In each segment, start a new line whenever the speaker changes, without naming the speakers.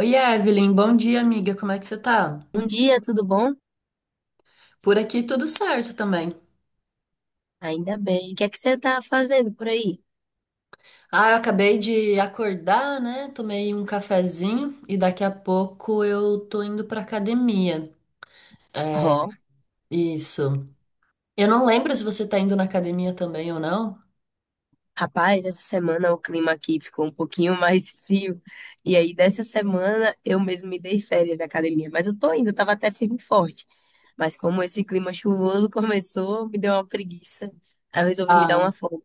Oi, Evelyn, bom dia, amiga. Como é que você tá?
Bom dia, tudo bom?
Por aqui tudo certo também.
Ainda bem. O que é que você tá fazendo por aí?
Ah, eu acabei de acordar, né? Tomei um cafezinho e daqui a pouco eu tô indo pra academia.
Ó,
É, isso. Eu não lembro se você tá indo na academia também ou não.
rapaz, essa semana o clima aqui ficou um pouquinho mais frio. E aí, dessa semana, eu mesmo me dei férias da academia. Mas eu tô indo, tava até firme e forte. Mas como esse clima chuvoso começou, me deu uma preguiça. Aí eu resolvi me dar
Ah,
uma folga.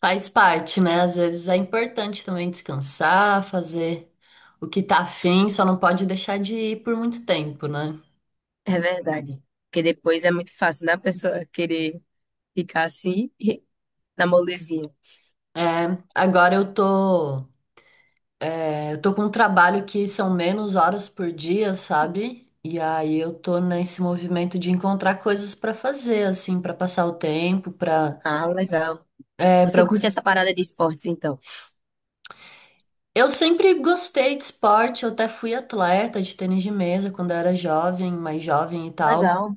faz parte, né? Às vezes é importante também descansar, fazer o que tá afim, só não pode deixar de ir por muito tempo, né?
É verdade. Porque depois é muito fácil, né? A pessoa querer ficar assim, na molezinha.
É, agora eu tô. É, eu tô com um trabalho que são menos horas por dia, sabe? E aí eu tô nesse movimento de encontrar coisas pra fazer, assim, pra passar o tempo, pra.
Ah, legal.
É, para
Você curte essa parada de esportes, então?
eu sempre gostei de esporte, eu até fui atleta de tênis de mesa quando eu era jovem, mais jovem e tal.
Legal.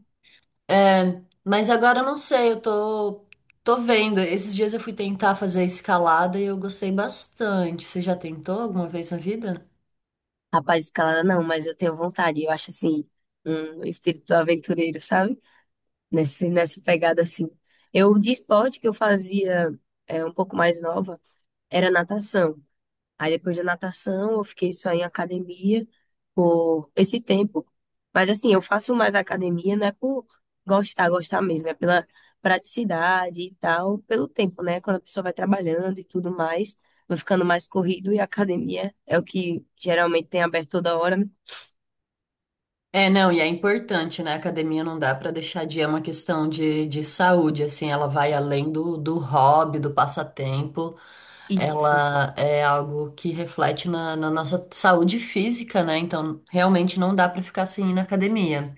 É, mas agora eu não sei, eu tô vendo. Esses dias eu fui tentar fazer escalada e eu gostei bastante. Você já tentou alguma vez na vida?
Rapaz, escalada não, mas eu tenho vontade. Eu acho assim, um espírito aventureiro, sabe? Nessa pegada assim. Eu, de esporte que eu fazia um pouco mais nova, era natação. Aí depois da natação, eu fiquei só em academia por esse tempo. Mas assim, eu faço mais academia, não é por gostar, gostar mesmo, é pela praticidade e tal, pelo tempo, né? Quando a pessoa vai trabalhando e tudo mais, vai ficando mais corrido e a academia é o que geralmente tem aberto toda hora, né?
É, não, e é importante, né? A academia não dá para deixar de é uma questão de saúde, assim, ela vai além do hobby, do passatempo,
Isso,
ela é algo que reflete na nossa saúde física, né? Então, realmente não dá para ficar sem ir na academia.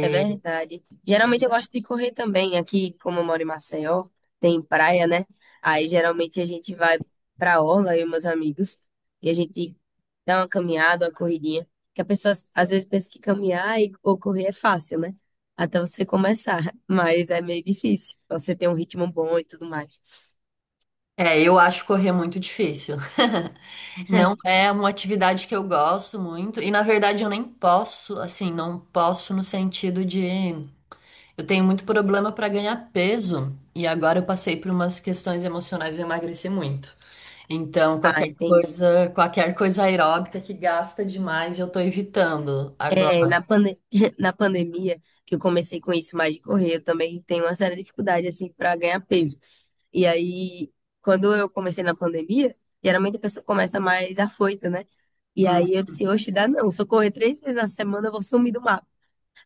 é verdade. Geralmente eu gosto de correr também. Aqui, como eu moro em Maceió, tem praia, né? Aí geralmente a gente vai pra orla, eu e meus amigos, e a gente dá uma caminhada, uma corridinha. Que a pessoa às vezes pensa que caminhar e, ou correr é fácil, né? Até você começar, mas é meio difícil. Você tem um ritmo bom e tudo mais.
é, eu acho correr muito difícil. Não é uma atividade que eu gosto muito, e na verdade eu nem posso, assim, não posso no sentido de. Eu tenho muito problema para ganhar peso e agora eu passei por umas questões emocionais e eu emagreci muito. Então,
Ah, entendi.
qualquer coisa aeróbica que gasta demais, eu tô evitando agora.
É, na pande- na pandemia, que eu comecei com isso mais de correr, eu também tenho uma séria dificuldade, assim, pra ganhar peso. E aí, quando eu comecei na pandemia, geralmente a pessoa começa mais afoita, né? E
Hum.
aí eu disse, oxe, dá não. Se eu correr três vezes na semana, eu vou sumir do mapa.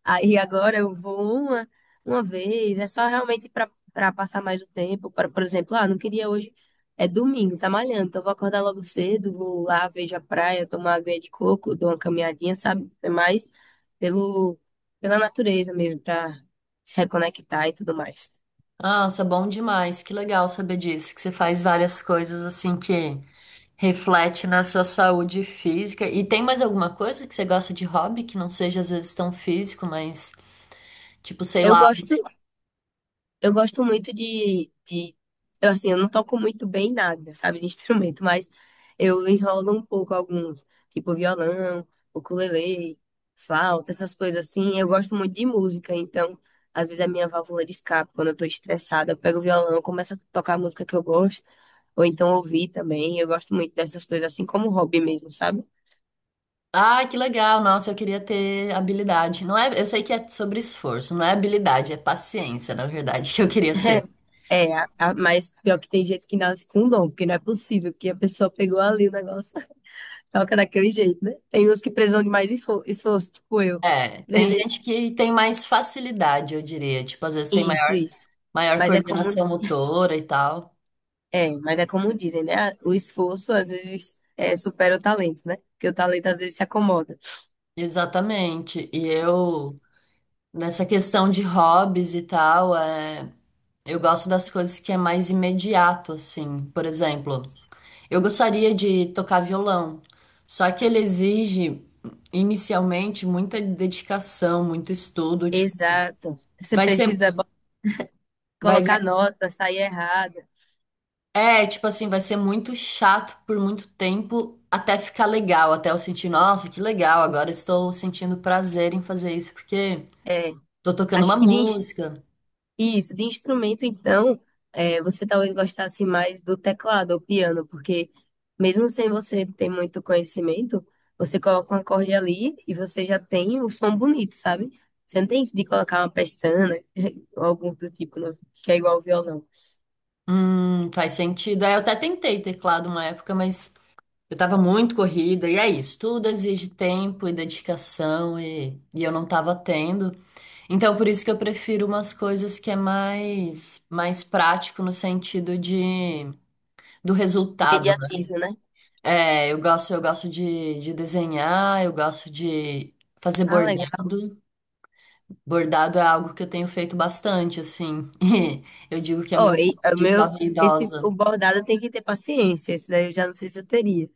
Aí agora eu vou uma vez. É só realmente para passar mais o tempo. Para, por exemplo, ah, não queria hoje. É domingo, tá malhando. Então eu vou acordar logo cedo, vou lá, vejo a praia, tomar água de coco, dou uma caminhadinha, sabe? É mais pelo, pela natureza mesmo, para se reconectar e tudo mais.
Nossa, bom demais. Que legal saber disso, que você faz várias coisas assim que reflete na sua saúde física. E tem mais alguma coisa que você gosta de hobby que não seja às vezes tão físico, mas tipo, sei
Eu
lá,
gosto Eu gosto muito de... Eu, assim, eu não toco muito bem nada, sabe, de instrumento, mas eu enrolo um pouco alguns, tipo violão, ukulele, flauta, essas coisas assim. Eu gosto muito de música, então, às vezes a minha válvula de escape, quando eu tô estressada, eu pego o violão, começo a tocar a música que eu gosto, ou então ouvir também. Eu gosto muito dessas coisas, assim como hobby mesmo, sabe?
ah, que legal. Nossa, eu queria ter habilidade. Não é, eu sei que é sobre esforço, não é habilidade, é paciência, na verdade, que eu queria ter.
É, mas pior que tem gente que nasce com um dom, porque não é possível que a pessoa pegou ali o negócio. Toca daquele jeito, né? Tem uns que precisam de mais esforço, tipo eu.
É, tem
Prese-
gente que tem mais facilidade, eu diria. Tipo, às vezes tem
Isso,
maior,
isso.
maior
Mas é como,
coordenação motora e tal.
mas é como dizem, né? O esforço às vezes supera o talento, né? Porque o talento às vezes se acomoda.
Exatamente. E eu, nessa questão de hobbies e tal, é, eu gosto das coisas que é mais imediato, assim. Por exemplo, eu gostaria de tocar violão, só que ele exige inicialmente muita dedicação, muito estudo, tipo,
Exato. Você
vai ser
precisa
vai,
colocar
vai-
nota, sair errada.
é, tipo assim, vai ser muito chato por muito tempo até ficar legal, até eu sentir, nossa, que legal, agora estou sentindo prazer em fazer isso porque
É,
tô tocando
acho
uma
que de.
música.
Isso, de instrumento, então, é, você talvez gostasse mais do teclado ou piano, porque mesmo sem você ter muito conhecimento, você coloca um acorde ali e você já tem o som bonito, sabe? Você não tem isso de colocar uma pestana ou algo do tipo, que é igual ao violão.
Faz sentido. Aí eu até tentei teclado uma época, mas eu tava muito corrida, e é isso, tudo exige tempo e dedicação, e eu não tava tendo. Então, por isso que eu prefiro umas coisas que é mais prático no sentido de do resultado, né?
Imediatismo, né?
É, eu gosto de desenhar, eu gosto de fazer
Ah, legal.
bordado. Bordado é algo que eu tenho feito bastante, assim. E eu digo que é meu
Ó,
hobby
o
de
meu,
jovem
esse, o
idosa.
bordado tem que ter paciência, esse daí eu já não sei se eu teria.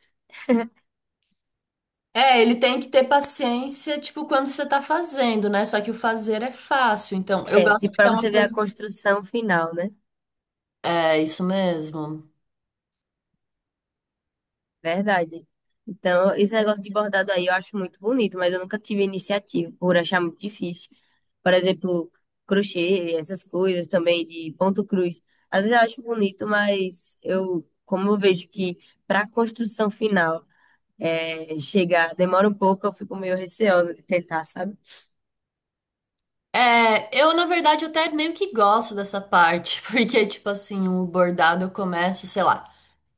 É, ele tem que ter paciência, tipo, quando você tá fazendo, né? Só que o fazer é fácil. Então, eu
É,
gosto
tipo,
porque
pra
é uma
você ver a
coisa.
construção final, né?
É isso mesmo.
Verdade. Então, esse negócio de bordado aí eu acho muito bonito, mas eu nunca tive iniciativa por achar muito difícil. Por exemplo, crochê, essas coisas também de ponto cruz. Às vezes eu acho bonito, mas eu, como eu vejo que para a construção final é chegar demora um pouco, eu fico meio receosa de tentar, sabe?
É, eu na verdade até meio que gosto dessa parte, porque tipo assim, o bordado eu começo, sei lá.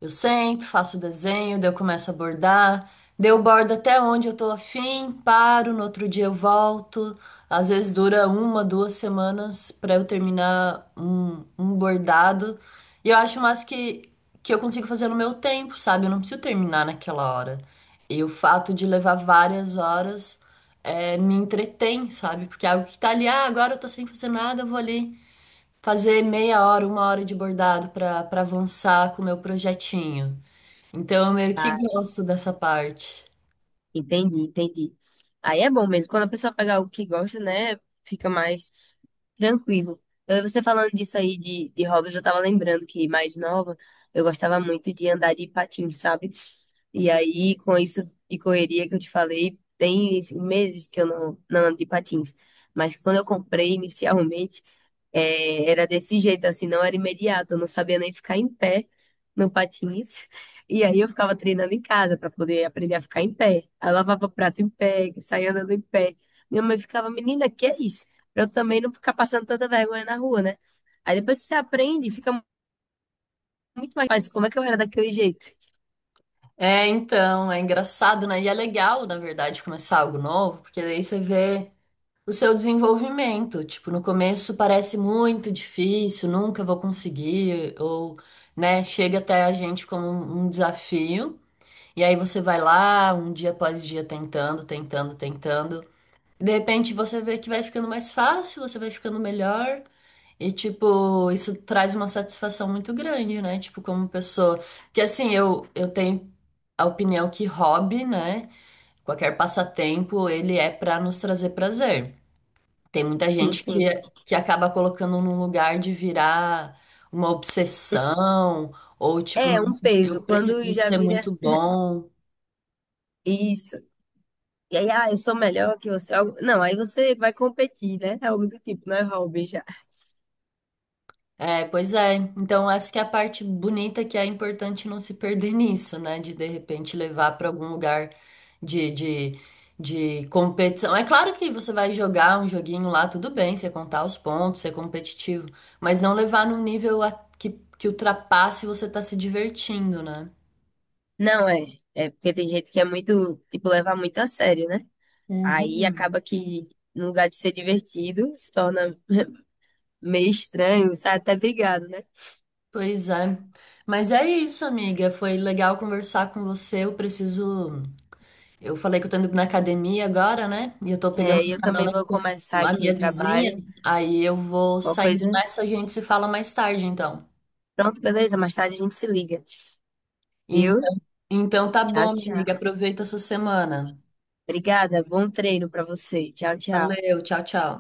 Eu sento, faço o desenho, daí eu começo a bordar, daí eu bordo até onde eu tô afim, paro, no outro dia eu volto. Às vezes dura uma, duas semanas pra eu terminar um bordado. E eu acho mais que eu consigo fazer no meu tempo, sabe? Eu não preciso terminar naquela hora. E o fato de levar várias horas me entretém, sabe? Porque é algo que tá ali, ah, agora eu tô sem fazer nada, eu vou ali fazer meia hora, uma hora de bordado para avançar com o meu projetinho. Então eu meio que gosto dessa parte.
Entendi, entendi. Aí é bom mesmo. Quando a pessoa pega algo que gosta, né? Fica mais tranquilo. Eu, você falando disso aí de hobbies, eu tava lembrando que mais nova, eu gostava muito de andar de patins, sabe? E aí, com isso de correria que eu te falei, tem meses que eu não ando de patins. Mas quando eu comprei inicialmente, era desse jeito, assim, não era imediato. Eu não sabia nem ficar em pé no patins. E aí eu ficava treinando em casa para poder aprender a ficar em pé. Aí eu lavava prato em pé, saía andando em pé. Minha mãe ficava, menina, que é isso? Pra eu também não ficar passando tanta vergonha na rua, né? Aí depois que você aprende, fica muito mais fácil. Como é que eu era daquele jeito?
É, então, é engraçado, né? E é legal, na verdade, começar algo novo, porque daí você vê o seu desenvolvimento. Tipo, no começo parece muito difícil, nunca vou conseguir, ou, né, chega até a gente como um desafio. E aí você vai lá, um dia após dia, tentando, tentando, tentando. De repente você vê que vai ficando mais fácil, você vai ficando melhor. E, tipo, isso traz uma satisfação muito grande, né? Tipo, como pessoa. Que assim, eu tenho a opinião que hobby, né? Qualquer passatempo, ele é pra nos trazer prazer. Tem muita
Sim,
gente
sim.
que acaba colocando num lugar de virar uma obsessão, ou tipo,
É um
nossa,
peso.
eu
Quando
preciso
já
ser
vira
muito bom.
isso. E aí, ah, eu sou melhor que você. Não, aí você vai competir, né? É algo do tipo, não é hobby já.
É, pois é. Então, essa que é a parte bonita é que é importante não se perder nisso, né? De repente levar para algum lugar de, de, de competição. É claro que você vai jogar um joguinho lá, tudo bem, você contar os pontos, ser competitivo, mas não levar num nível a- que, que ultrapasse você tá se divertindo, né?
Não é. É porque tem gente que é muito, tipo, levar muito a sério, né? Aí
Uhum.
acaba que, no lugar de ser divertido, se torna meio estranho, sabe? Até brigado, né?
Pois é. Mas é isso, amiga. Foi legal conversar com você. Eu preciso. Eu falei que eu tô indo na academia agora, né? E eu tô pegando
É, e
uma
eu também
carona
vou
com
começar
a
aqui o
minha vizinha.
trabalho.
Aí eu vou
Qualquer
saindo
coisa.
nessa, a gente se fala mais tarde, então.
Pronto, beleza? Mais tarde a gente se liga, viu?
Então, então tá
Tchau,
bom, minha amiga.
tchau.
Aproveita a sua semana.
Obrigada. Bom treino pra você. Tchau, tchau.
Valeu, tchau, tchau.